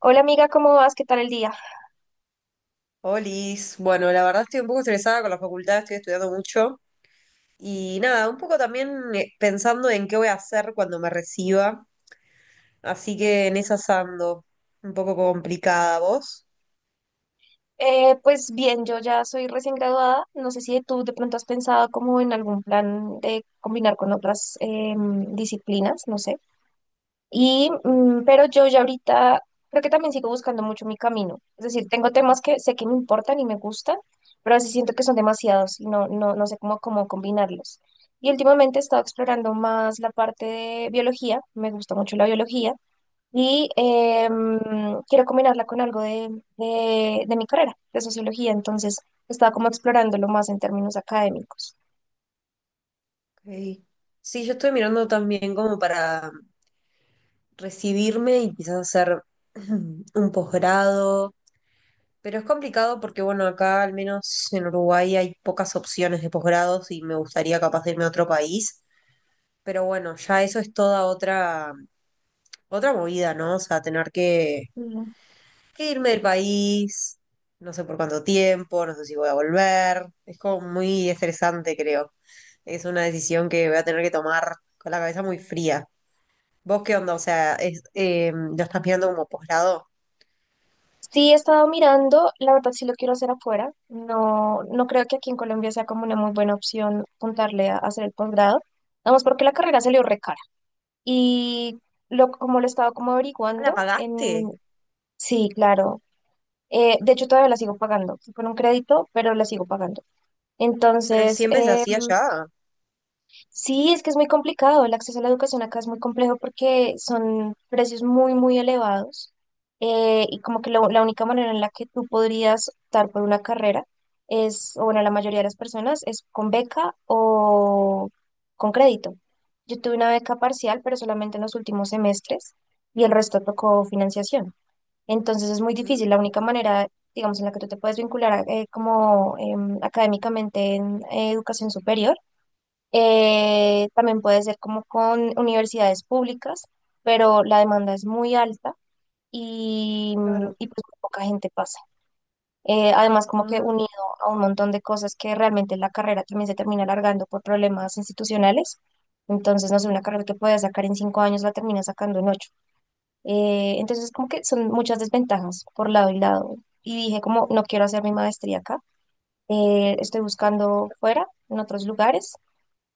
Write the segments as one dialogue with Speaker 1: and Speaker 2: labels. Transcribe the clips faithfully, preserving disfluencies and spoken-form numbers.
Speaker 1: Hola amiga, ¿cómo vas? ¿Qué tal el día?
Speaker 2: Olis, bueno, la verdad estoy un poco estresada con la facultad, estoy estudiando mucho y nada, un poco también eh, pensando en qué voy a hacer cuando me reciba, así que en esas ando, un poco complicada, ¿vos?
Speaker 1: Eh, pues bien, yo ya soy recién graduada. No sé si tú de pronto has pensado como en algún plan de combinar con otras em, disciplinas, no sé. Y, mm, pero yo ya ahorita creo que también sigo buscando mucho mi camino. Es decir, tengo temas que sé que me importan y me gustan, pero a veces siento que son demasiados y no, no, no sé cómo, cómo combinarlos. Y últimamente he estado explorando más la parte de biología. Me gusta mucho la biología y em, quiero combinarla con algo de, de, de mi carrera, de sociología, entonces estaba como explorándolo más en términos académicos.
Speaker 2: Ok. Sí, yo estoy mirando también como para recibirme y quizás hacer un posgrado, pero es complicado porque bueno, acá al menos en Uruguay hay pocas opciones de posgrados y me gustaría capaz de irme a otro país, pero bueno, ya eso es toda otra otra movida, ¿no? O sea, tener que,
Speaker 1: Mm.
Speaker 2: que irme del país, no sé por cuánto tiempo, no sé si voy a volver. Es como muy estresante, creo. Es una decisión que voy a tener que tomar con la cabeza muy fría. ¿Vos qué onda? O sea, es, eh, ¿lo estás mirando como posgrado?
Speaker 1: Sí, he estado mirando, la verdad sí lo quiero hacer afuera, no, no creo que aquí en Colombia sea como una muy buena opción apuntarle a hacer el posgrado, vamos porque la carrera salió re cara y lo, como lo he estado como
Speaker 2: Ah, ¿la
Speaker 1: averiguando,
Speaker 2: pagaste?
Speaker 1: en, sí, claro, eh, de hecho todavía la sigo pagando, fue con un crédito, pero la sigo pagando.
Speaker 2: Pero
Speaker 1: Entonces,
Speaker 2: siempre se
Speaker 1: em,
Speaker 2: hacía allá.
Speaker 1: sí, es que es muy complicado. El acceso a la educación acá es muy complejo porque son precios muy, muy elevados. eh, y como que lo- la única manera en la que tú podrías optar por una carrera es, o bueno, la mayoría de las personas es con beca o con crédito. Yo tuve una beca parcial, pero solamente en los últimos semestres y el resto tocó financiación. Entonces es muy
Speaker 2: Mm,
Speaker 1: difícil. La única manera, digamos, en la que tú te puedes vincular eh, como em, académicamente en eh, educación superior, eh, también puede ser como con universidades públicas, pero la demanda es muy alta y,
Speaker 2: claro.
Speaker 1: y pues muy poca gente pasa. Eh, además, como que unido
Speaker 2: Ah,
Speaker 1: a un montón de cosas que realmente la carrera también se termina alargando por problemas institucionales. Entonces, no sé, una carrera que puedes sacar en cinco años la termina sacando en ocho. Eh, entonces, como que son muchas desventajas por lado y lado. Y dije, como no quiero hacer mi maestría acá. eh, estoy buscando fuera, en otros lugares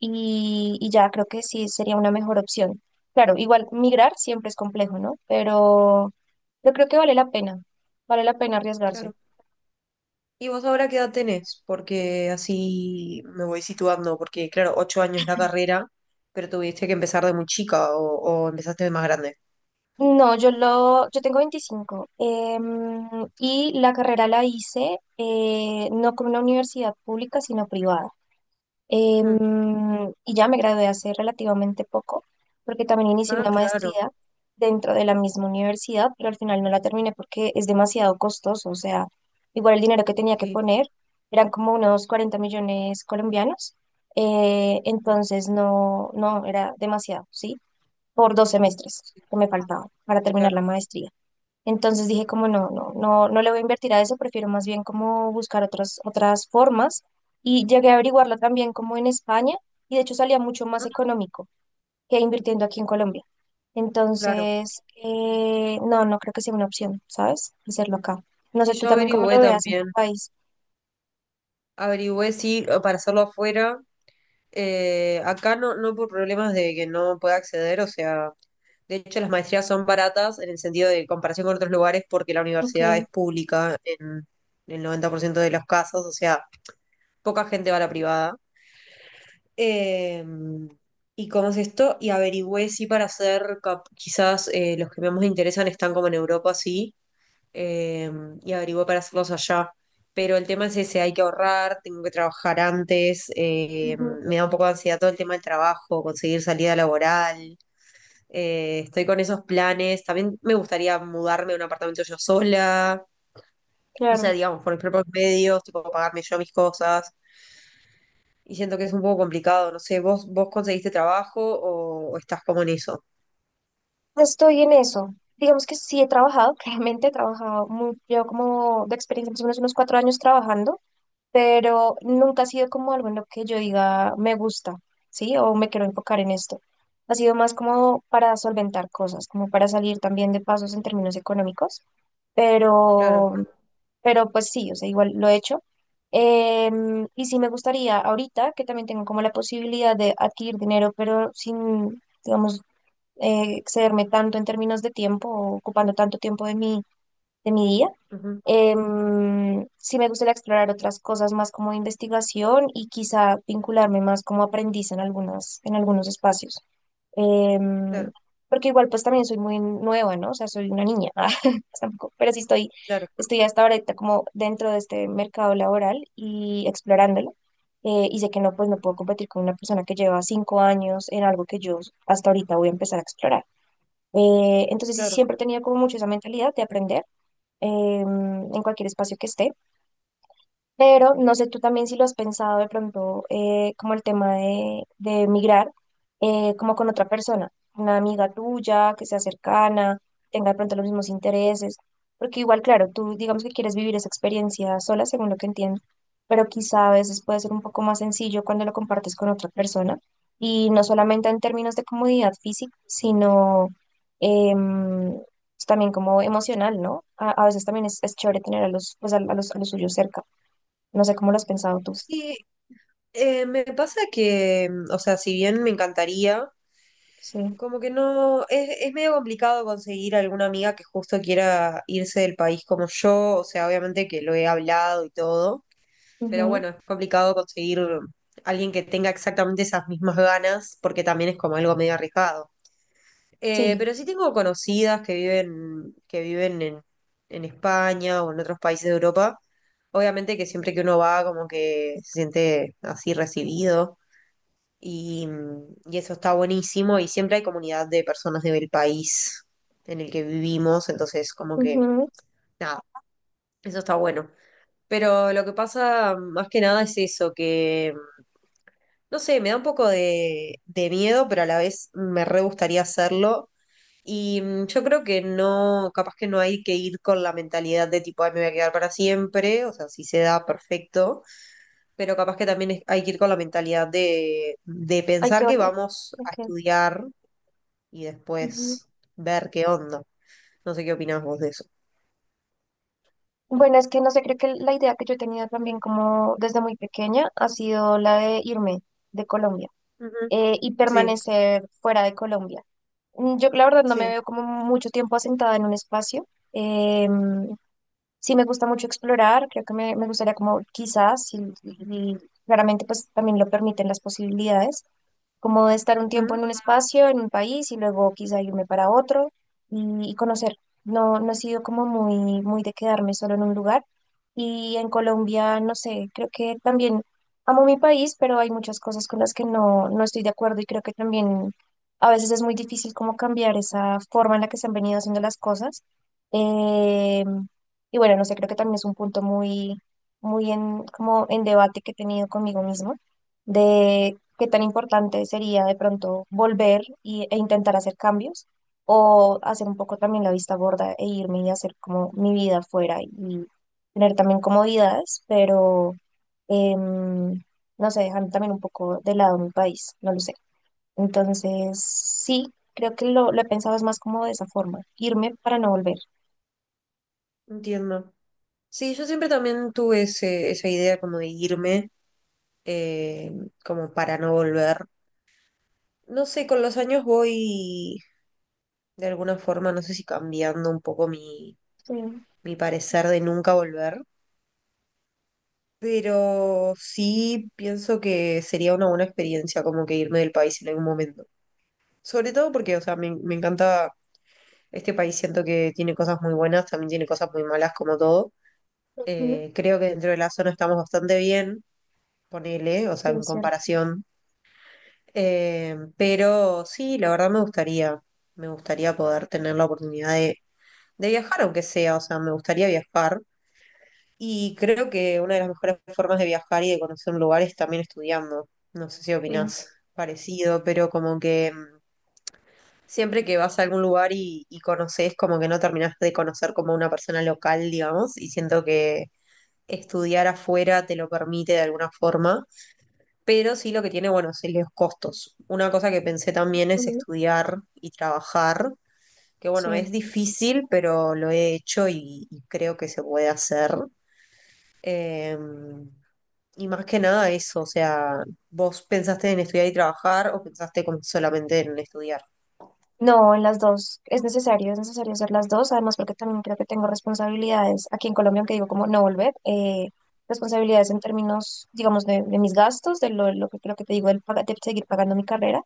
Speaker 1: y, y ya creo que sí sería una mejor opción. Claro, igual migrar siempre es complejo, ¿no? Pero yo creo que vale la pena, vale la pena arriesgarse.
Speaker 2: claro. ¿Y vos ahora qué edad tenés? Porque así me voy situando, porque claro, ocho años la carrera, pero tuviste que empezar de muy chica o, o empezaste de más grande.
Speaker 1: No, yo lo, yo tengo veinticinco, em, y la carrera la hice eh, no con una universidad pública, sino privada.
Speaker 2: Ujú.
Speaker 1: Em, y ya me gradué hace relativamente poco, porque también inicié
Speaker 2: Ah,
Speaker 1: una
Speaker 2: claro,
Speaker 1: maestría dentro de la misma universidad, pero al final no la terminé porque es demasiado costoso. O sea, igual el dinero que tenía que
Speaker 2: sí,
Speaker 1: poner eran como unos cuarenta millones colombianos. eh,
Speaker 2: no,
Speaker 1: entonces no, no, era demasiado, ¿sí? Por dos semestres
Speaker 2: sí,
Speaker 1: que me faltaban para terminar la
Speaker 2: claro.
Speaker 1: maestría. Entonces dije como no, no, no, no le voy a invertir a eso, prefiero más bien como buscar otras, otras formas. Y llegué a averiguarla también como en España y de hecho salía mucho más
Speaker 2: Mm,
Speaker 1: económico que invirtiendo aquí en Colombia.
Speaker 2: claro,
Speaker 1: Entonces, eh, no, no creo que sea una opción, ¿sabes? Hacerlo acá. No
Speaker 2: sí,
Speaker 1: sé tú
Speaker 2: yo
Speaker 1: también cómo
Speaker 2: averigüé
Speaker 1: lo veas en tu
Speaker 2: también,
Speaker 1: país.
Speaker 2: averigüé sí para hacerlo afuera, eh, acá no, no por problemas de que no pueda acceder, o sea, de hecho las maestrías son baratas en el sentido de comparación con otros lugares porque la
Speaker 1: Ok,
Speaker 2: universidad es pública en el noventa por ciento de los casos, o sea, poca gente va a la privada. Eh, y cómo es esto, y averigüé si para hacer, cap- quizás eh, los que más me interesan están como en Europa, sí, eh, y averigüé para hacerlos allá. Pero el tema es ese, hay que ahorrar, tengo que trabajar antes, eh,
Speaker 1: ujú,
Speaker 2: me da un poco de ansiedad todo el tema del trabajo, conseguir salida laboral, eh, estoy con esos planes, también me gustaría mudarme a un apartamento yo sola, o sea,
Speaker 1: claro.
Speaker 2: digamos, por mis propios medios, tipo pagarme yo mis cosas. Y siento que es un poco complicado, no sé, ¿vos, vos conseguiste trabajo o, o estás como en eso?
Speaker 1: Estoy en eso. Digamos que sí he trabajado, claramente he trabajado, muy, llevo como de experiencia más o menos unos cuatro años trabajando, pero nunca ha sido como algo en lo que yo diga me gusta, ¿sí? O me quiero enfocar en esto. Ha sido más como para solventar cosas, como para salir también de pasos en términos económicos,
Speaker 2: Claro,
Speaker 1: pero, pero pues sí, o sea, igual lo he hecho. Em, y sí me gustaría ahorita que también tengo como la posibilidad de adquirir dinero, pero sin, digamos, eh, excederme tanto en términos de tiempo, o ocupando tanto tiempo de mi, de mi día.
Speaker 2: ujú,
Speaker 1: Em, sí me gustaría explorar otras cosas más como de investigación y quizá vincularme más como aprendiz en algunas, en algunos espacios. Em,
Speaker 2: claro,
Speaker 1: porque igual pues también soy muy nueva, ¿no? O sea, soy una niña, tampoco, pero sí estoy,
Speaker 2: claro,
Speaker 1: estoy hasta ahorita como dentro de este mercado laboral y explorándolo. Eh, y sé que no, pues no puedo competir con una persona que lleva cinco años en algo que yo hasta ahorita voy a empezar a explorar. Eh, entonces sí,
Speaker 2: claro.
Speaker 1: siempre he tenido como mucho esa mentalidad de aprender em, en cualquier espacio que esté. Pero no sé tú también si lo has pensado de pronto, eh, como el tema de, de migrar, eh, como con otra persona, una amiga tuya que sea cercana, tenga de pronto los mismos intereses, porque igual, claro, tú digamos que quieres vivir esa experiencia sola, según lo que entiendo, pero quizá a veces puede ser un poco más sencillo cuando lo compartes con otra persona, y no solamente en términos de comodidad física, sino em, también como emocional, ¿no? A, a veces también es, es chévere tener a los, pues a, a los, a los suyos cerca. No sé cómo lo has pensado tú.
Speaker 2: Sí, eh, me pasa que, mm, o sea, si bien me encantaría,
Speaker 1: Sí.
Speaker 2: como que no, es, es medio complicado conseguir alguna amiga que justo quiera irse del país como yo, o sea, obviamente que lo he hablado y todo, pero
Speaker 1: Ujú.
Speaker 2: bueno, es complicado conseguir alguien que tenga exactamente esas mismas ganas, porque también es como algo medio arriesgado. Eh,
Speaker 1: Sí.
Speaker 2: pero sí tengo conocidas que viven, que viven en, en España o en otros países de Europa. Obviamente que siempre que uno va, como que se siente así recibido y, y eso está buenísimo y siempre hay comunidad de personas del país en el que vivimos, entonces como que
Speaker 1: Ujú.
Speaker 2: nada, eso está bueno. Pero lo que pasa más que nada es eso, que no sé, me da un poco de, de miedo, pero a la vez me re gustaría hacerlo. Y mm, yo creo que no, capaz que no hay que ir con la mentalidad de tipo, ay, me voy a quedar para siempre, o sea, si se da, perfecto, pero capaz que también es- hay que ir con la mentalidad de, de
Speaker 1: Hay
Speaker 2: pensar
Speaker 1: que
Speaker 2: que
Speaker 1: volver.
Speaker 2: vamos a
Speaker 1: Okay.
Speaker 2: estudiar y
Speaker 1: Ujú.
Speaker 2: después ver qué onda. No sé qué opinás vos de eso.
Speaker 1: Bueno, es que no sé, creo que la idea que yo he tenido también como desde muy pequeña ha sido la de irme de Colombia,
Speaker 2: Ujú,
Speaker 1: eh, y
Speaker 2: sí,
Speaker 1: permanecer fuera de Colombia. Mm, yo la verdad no me
Speaker 2: sí,
Speaker 1: veo como mucho tiempo asentada en un espacio. Em, sí me gusta mucho explorar, creo que me, me gustaría como quizás, y, y- y claramente pues también lo permiten las posibilidades como de estar un tiempo
Speaker 2: ujú,
Speaker 1: en un espacio, en un país y luego quizá irme para otro y, y conocer. No, no he sido como muy, muy de quedarme solo en un lugar. Y en Colombia, no sé, creo que también amo mi país, pero hay muchas cosas con las que no, no estoy de acuerdo y creo que también a veces es muy difícil como cambiar esa forma en la que se han venido haciendo las cosas. Eh, y bueno, no sé, creo que también es un punto muy, muy en, como en debate que he tenido conmigo mismo de qué tan importante sería de pronto volver y- e intentar hacer cambios o hacer un poco también la vista gorda e irme y hacer como mi vida afuera y tener también comodidades, pero em, no sé, dejando también un poco de lado mi país, no lo sé. Entonces, sí, creo que lo, lo he pensado es más como de esa forma, irme para no volver.
Speaker 2: entiendo. Sí, yo siempre también tuve ese, esa idea como de irme, eh, como para no volver. No sé, con los años voy de alguna forma, no sé si cambiando un poco mi,
Speaker 1: Sí,
Speaker 2: mi parecer de nunca volver, pero sí pienso que sería una buena experiencia como que irme del país en algún momento. Sobre todo porque, o sea, me, me encanta este país, siento que tiene cosas muy buenas, también tiene cosas muy malas como todo.
Speaker 1: ujú,
Speaker 2: Eh, creo que dentro de la zona estamos bastante bien, ponele, o
Speaker 1: sí,
Speaker 2: sea, en
Speaker 1: es cierto.
Speaker 2: comparación. Eh, pero sí, la verdad me gustaría, me gustaría poder tener la oportunidad de, de viajar, aunque sea, o sea, me gustaría viajar. Y creo que una de las mejores formas de viajar y de conocer un lugar es también estudiando. No sé si
Speaker 1: Sí,
Speaker 2: opinás parecido, pero como que mm, siempre que vas a algún lugar y, y conoces, como que no terminás de conocer como una persona local, digamos, y siento que estudiar afuera te lo permite de alguna forma, pero sí lo que tiene, bueno, son los costos. Una cosa que pensé también es
Speaker 1: ujú,
Speaker 2: estudiar y trabajar, que
Speaker 1: sí.
Speaker 2: bueno, es difícil, pero lo he hecho y, y creo que se puede hacer. Em, Y más que nada eso, o sea, ¿vos pensaste en estudiar y trabajar o pensaste como solamente en estudiar?
Speaker 1: No, en las dos. Es necesario, es necesario hacer las dos. Además, porque también creo que tengo responsabilidades aquí en Colombia, aunque digo como no volver. eh, responsabilidades en términos, digamos, de, de mis gastos, de lo, lo que creo que te digo, el, de seguir pagando mi carrera,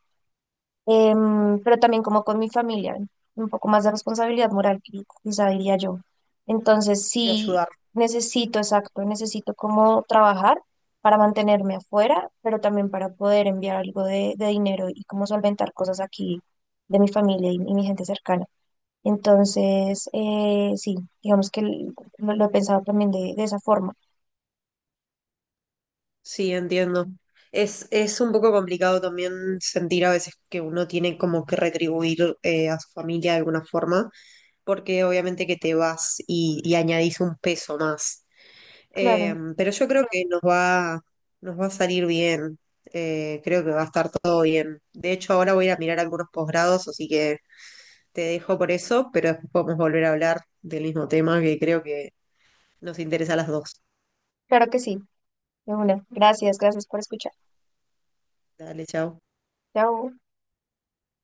Speaker 1: em, pero también como con mi familia, un poco más de responsabilidad moral, qui- quizá diría yo. Entonces,
Speaker 2: De
Speaker 1: sí,
Speaker 2: ayudar.
Speaker 1: necesito, exacto, necesito como trabajar para mantenerme afuera, pero también para poder enviar algo de, de dinero y como solventar cosas aquí de mi familia y, y mi gente cercana. Entonces, eh, sí, digamos que l- lo, lo he pensado también de, de esa forma.
Speaker 2: Sí, entiendo. Es, es un poco complicado también sentir a veces que uno tiene como que retribuir eh, a su familia de alguna forma, porque obviamente que te vas y, y añadís un peso más. Eh,
Speaker 1: Claro,
Speaker 2: pero yo creo que nos va, nos va a salir bien. Eh, creo que va a estar todo bien. De hecho, ahora voy a ir a mirar algunos posgrados, así que te dejo por eso, pero después podemos volver a hablar del mismo tema que creo que nos interesa a las dos.
Speaker 1: claro que sí, de una. Gracias, gracias por escuchar.
Speaker 2: Dale, chao.
Speaker 1: Chao.